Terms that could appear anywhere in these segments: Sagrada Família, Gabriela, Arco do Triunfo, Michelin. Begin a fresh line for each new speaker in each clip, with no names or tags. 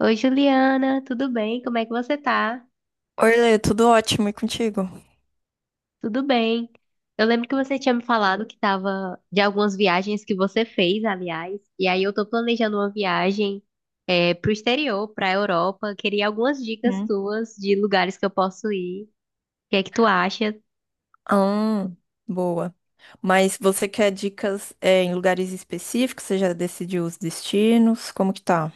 Oi, Juliana, tudo bem? Como é que você tá?
Oi, Lê, tudo ótimo e contigo?
Tudo bem. Eu lembro que você tinha me falado que tava de algumas viagens que você fez, aliás, e aí eu tô planejando uma viagem pro exterior, pra Europa. Queria algumas dicas
Hum.
suas de lugares que eu posso ir. O que é que tu acha?
Ah, boa. Mas você quer dicas, em lugares específicos? Você já decidiu os destinos? Como que tá?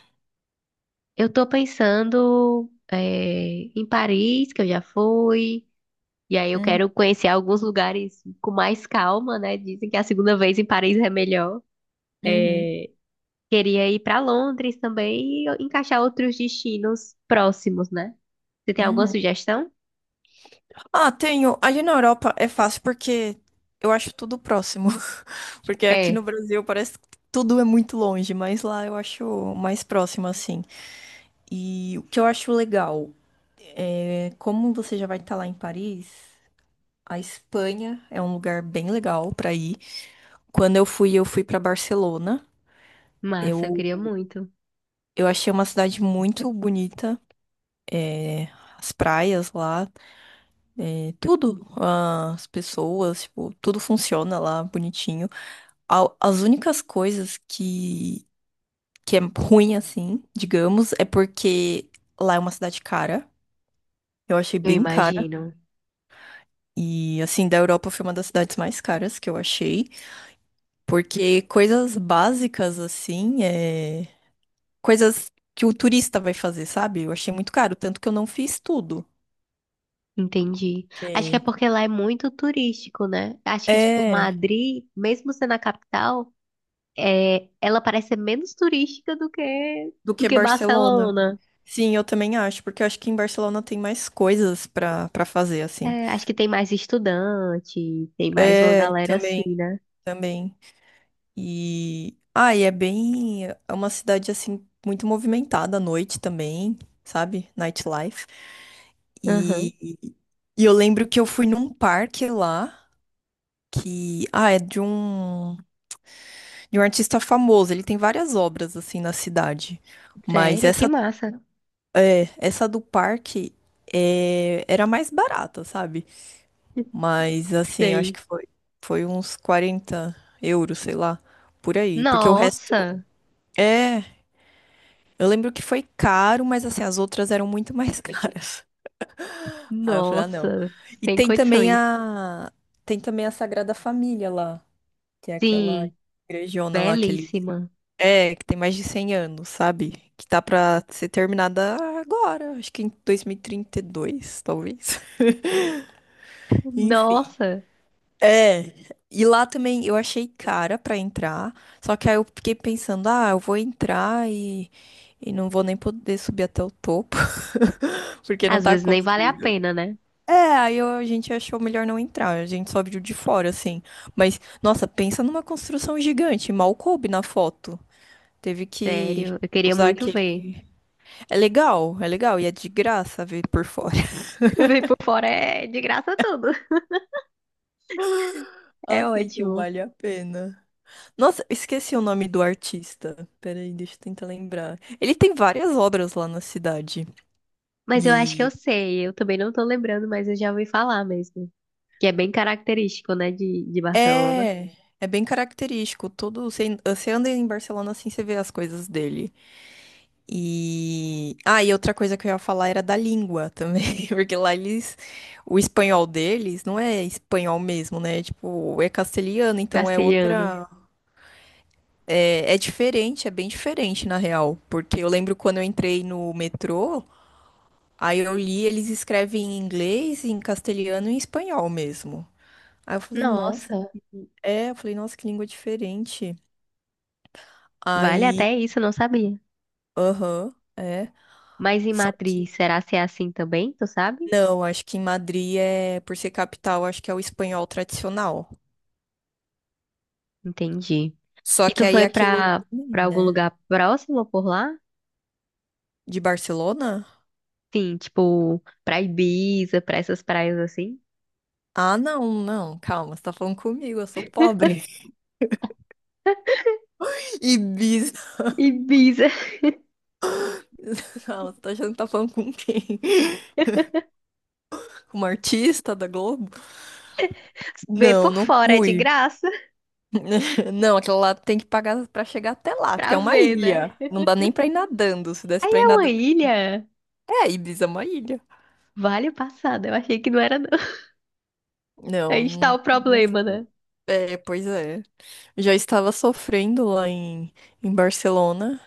Eu tô pensando em Paris, que eu já fui, e aí eu
Uhum,
quero conhecer alguns lugares com mais calma, né? Dizem que a segunda vez em Paris é melhor.
uhum,
É, queria ir para Londres também e encaixar outros destinos próximos, né? Você tem alguma
uhum.
sugestão?
Ah, tenho. Ali na Europa é fácil porque eu acho tudo próximo. Porque aqui no
É,
Brasil parece que tudo é muito longe, mas lá eu acho mais próximo, assim. E o que eu acho legal é como você já vai estar lá em Paris, a Espanha é um lugar bem legal pra ir. Quando eu fui para Barcelona.
massa, eu
Eu,
queria muito.
eu achei uma cidade muito bonita. é, As praias lá, tudo, ah, as pessoas, tipo, tudo funciona lá bonitinho. As únicas coisas que é ruim, assim, digamos, é porque lá é uma cidade cara. Eu achei
Eu
bem cara.
imagino.
E, assim, da Europa foi uma das cidades mais caras que eu achei. Porque coisas básicas, assim, coisas que o turista vai fazer, sabe? Eu achei muito caro, tanto que eu não fiz tudo.
Entendi. Acho que é
Que
porque lá é muito turístico, né? Acho que, tipo,
É,
Madrid, mesmo sendo a capital, ela parece ser menos turística do que,
do
do
que
que
Barcelona.
Barcelona.
Sim, eu também acho, porque eu acho que em Barcelona tem mais coisas pra para fazer assim.
É, acho que tem mais estudante, tem mais uma
É,
galera assim,
também,
né?
também. E e é bem, é uma cidade assim muito movimentada à noite também, sabe? Nightlife.
Aham.
E e eu lembro que eu fui num parque lá que é de De um artista famoso, ele tem várias obras assim na cidade, mas
Sério, que
essa
massa.
essa do parque era mais barata, sabe? Mas assim, eu acho
Sei.
que foi uns 40 euros, sei lá, por aí, porque o resto
Nossa!
é, eu lembro que foi caro, mas assim as outras eram muito mais caras. Aí eu falei, ah, não.
Nossa,
E
sem
tem também
condições.
a Tem também a Sagrada Família lá, que é aquela
Sim,
igrejona lá que eles
belíssima.
é, que tem mais de 100 anos, sabe? Que tá pra ser terminada agora, acho que em 2032, talvez. Enfim.
Nossa,
É. E lá também eu achei cara pra entrar, só que aí eu fiquei pensando, ah, eu vou entrar e não vou nem poder subir até o topo, porque não
às
tá
vezes nem vale a
construído.
pena, né?
É, a gente achou melhor não entrar, a gente só viu de fora, assim. Mas, nossa, pensa numa construção gigante, mal coube na foto. Teve que
Sério, eu queria
usar
muito ver.
aquele. É legal, é legal. E é de graça ver por fora.
Ver por fora é de graça tudo. É
Assim, então
ótimo.
vale a pena. Nossa, esqueci o nome do artista. Peraí, deixa eu tentar lembrar. Ele tem várias obras lá na cidade.
Mas eu acho que eu
E
sei, eu também não tô lembrando, mas eu já ouvi falar mesmo. Que é bem característico, né, de Barcelona.
É, é bem característico. Todo, você anda em Barcelona assim, você vê as coisas dele. Ah, e outra coisa que eu ia falar era da língua também, porque lá eles. O espanhol deles não é espanhol mesmo, né? Tipo, é castelhano, então é
Castelhano.
outra. É, é diferente, é bem diferente na real. Porque eu lembro quando eu entrei no metrô, aí eu li, eles escrevem em inglês, em castelhano e em espanhol mesmo. Aí eu falei, nossa,
Nossa,
eu falei, nossa, que língua diferente.
vale
Aí,
até isso, eu não sabia.
aham, é.
Mas em
Só que
Matriz, será se é assim também? Tu sabe?
Não, acho que em Madrid por ser capital, acho que é o espanhol tradicional.
Entendi.
Só
E
que
tu
aí é
foi
aquilo,
pra
também,
algum
né?
lugar próximo por lá?
De Barcelona?
Sim, tipo, pra Ibiza, pra essas praias assim.
Ah, não, não, calma, você tá falando comigo, eu sou pobre. Ibiza.
Ibiza,
Calma, você tá achando que tá falando com quem? Com uma artista da Globo?
ver
Não,
por
não
fora é de
fui.
graça,
Não, aquela lá tem que pagar pra chegar até lá, porque
pra
é uma
ver, né?
ilha. Não dá nem pra ir nadando, se
É
desse pra ir
uma
nadando.
ilha.
É, Ibiza é uma ilha.
Vale o passado, eu achei que não era não.
Não,
Aí está
não.
o
Não
problema, né?
fui. É, pois é. Já estava sofrendo lá em, em Barcelona,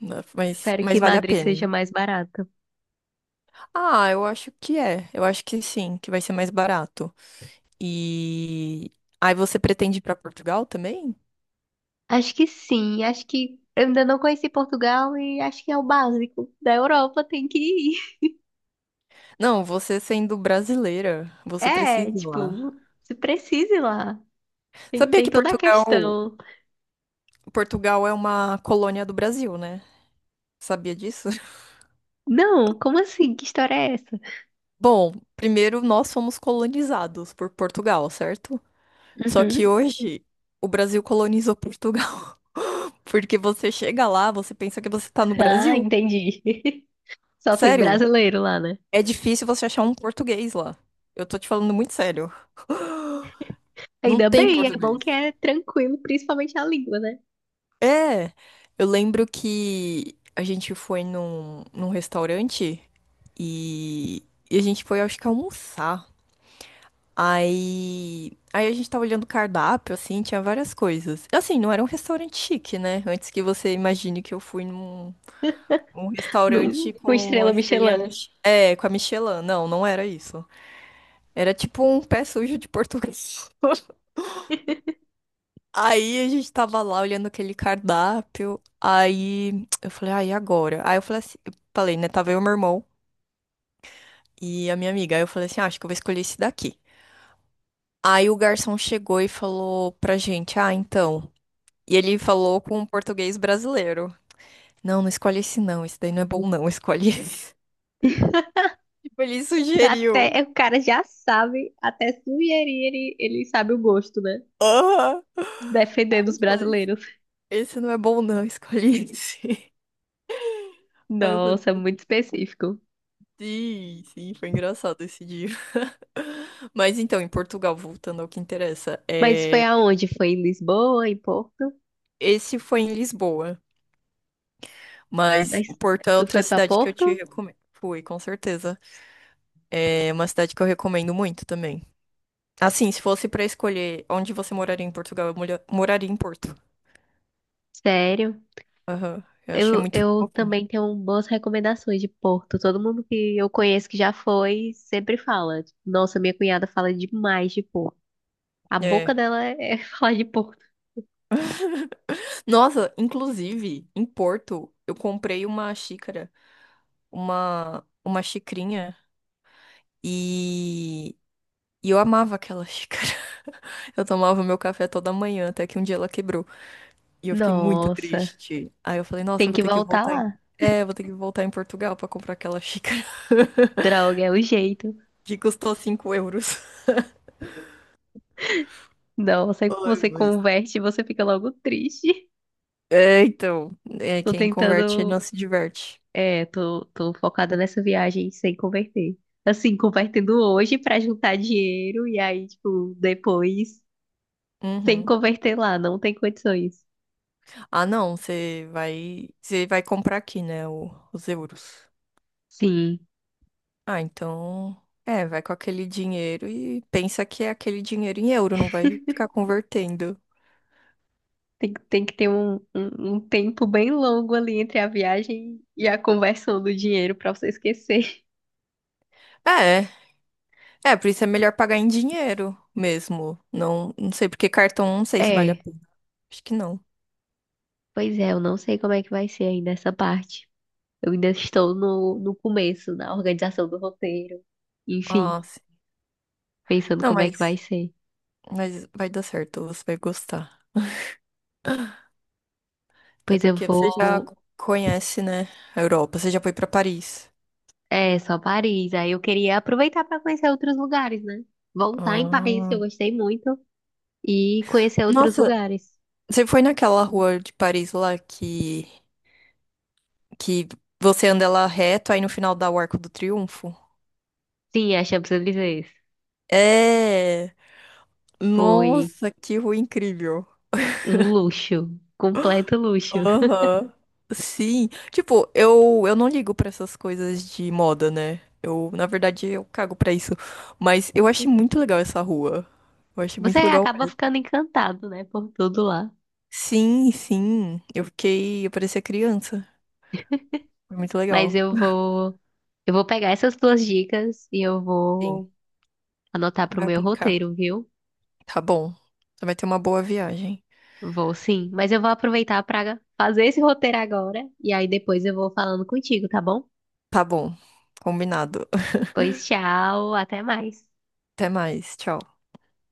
né,
Espero que
mas vale a
Madrid seja
pena.
mais barato.
Ah, eu acho que é. Eu acho que sim, que vai ser mais barato. E aí você pretende ir para Portugal também?
Acho que sim, acho que eu ainda não conheci Portugal e acho que é o básico da Europa, tem que ir.
Não, você sendo brasileira, você
É,
precisa ir lá.
tipo, se precise lá. Tem,
Sabia
tem
que
toda a questão.
Portugal é uma colônia do Brasil, né? Sabia disso?
Não, como assim? Que história é essa?
Bom, primeiro nós fomos colonizados por Portugal, certo? Só que
Uhum.
hoje o Brasil colonizou Portugal. Porque você chega lá, você pensa que você tá no
Ah,
Brasil.
entendi. Só tem
Sério,
brasileiro lá, né?
é difícil você achar um português lá. Eu tô te falando muito sério. Não
Ainda
tem
bem, é bom
português.
que é tranquilo, principalmente a língua, né?
É, eu lembro que a gente foi num restaurante e, e a gente foi, acho que, almoçar. Aí a gente tava olhando o cardápio, assim, tinha várias coisas. Assim, não era um restaurante chique, né? Antes que você imagine que eu fui num, um
Num,
restaurante com
com
uma
estrela
estrelinha
Michelin.
Mich... É, com a Michelin. Não, não era isso. Era tipo um pé sujo de português. Aí a gente tava lá olhando aquele cardápio. Aí eu falei, ah, e agora? Aí eu falei assim, eu falei, né? Tava eu, meu irmão e a minha amiga. Aí eu falei assim, ah, acho que eu vou escolher esse daqui. Aí o garçom chegou e falou pra gente, ah, então. E ele falou com um português brasileiro. Não, não escolhe esse não. Esse daí não é bom, não. Escolhe esse. Tipo, ele
Até
sugeriu.
é, o cara já sabe, até sugerir, ele sabe o gosto, né?
Aham.
Defendendo os brasileiros.
Esse não é bom, não, escolhi esse. Aí eu falei,
Nossa, muito específico.
sim, sim, foi engraçado esse dia. Mas então, em Portugal, voltando ao que interessa,
Mas foi
é...
aonde? Foi em Lisboa, em Porto?
Esse foi em Lisboa, mas
Mas
Porto é
tu
outra
foi pra
cidade que eu te
Porto?
recomendo. Fui, com certeza. É uma cidade que eu recomendo muito também. Assim, se fosse pra escolher onde você moraria em Portugal, moraria em Porto.
Sério?
Aham, eu achei
Eu,
muito
eu
fofinho.
também tenho boas recomendações de Porto. Todo mundo que eu conheço que já foi sempre fala. Tipo, nossa, minha cunhada fala demais de Porto. A
É.
boca dela é falar de Porto.
Nossa, inclusive, em Porto, eu comprei uma xícara. Uma xicrinha e, e eu amava aquela xícara. Eu tomava meu café toda manhã, até que um dia ela quebrou. E eu fiquei muito
Nossa,
triste. Aí eu falei, nossa, eu
tem
vou
que
ter que
voltar
voltar em...
lá.
É, eu vou ter que voltar em Portugal pra comprar aquela xícara
Droga, é o jeito.
que custou 5 euros.
Nossa, aí
Ai,
você
mas...
converte e você fica logo triste.
É, então, é,
Tô
quem converte
tentando.
não se diverte.
É, tô focada nessa viagem sem converter. Assim, convertendo hoje pra juntar dinheiro e aí, tipo, depois sem
Uhum.
converter lá. Não tem condições.
Ah, não, você vai comprar aqui, né, os euros.
Sim,
Ah, então. É, vai com aquele dinheiro e pensa que é aquele dinheiro em euro, não vai ficar convertendo.
tem que ter um tempo bem longo ali entre a viagem e a conversão do dinheiro pra você esquecer.
É, é, por isso é melhor pagar em dinheiro mesmo. Não, não sei, porque cartão não sei se vale a
É,
pena. Acho que não.
pois é, eu não sei como é que vai ser ainda essa parte. Eu ainda estou no começo, na organização do roteiro. Enfim,
Ah, sim.
pensando
Não,
como é que vai ser.
mas vai dar certo, você vai gostar. Até
Pois eu
porque você já
vou.
conhece, né, a Europa, você já foi pra Paris.
É, só Paris. Aí eu queria aproveitar para conhecer outros lugares, né? Voltar em Paris, que
Ah.
eu gostei muito, e conhecer outros
Nossa,
lugares.
você foi naquela rua de Paris lá que você anda lá reto, aí no final dá o Arco do Triunfo?
Sim, a Champs-Élysées.
É.
Foi.
Nossa, que rua incrível.
Um luxo, completo luxo.
Aham. Sim. Tipo, eu não ligo pra essas coisas de moda, né? Eu, na verdade, eu cago pra isso. Mas eu achei muito legal essa rua. Eu achei
Você
muito legal
acaba
mesmo.
ficando encantado, né, por tudo lá.
Sim, sim. Eu fiquei. Eu parecia criança. Foi muito
Mas
legal.
eu vou pegar essas duas dicas e eu
Sim.
vou anotar pro
Vai
meu
aplicar.
roteiro, viu?
Tá bom. Você vai ter uma boa viagem.
Vou sim, mas eu vou aproveitar para fazer esse roteiro agora e aí depois eu vou falando contigo, tá bom?
Tá bom. Combinado.
Pois tchau, até mais.
Até mais. Tchau.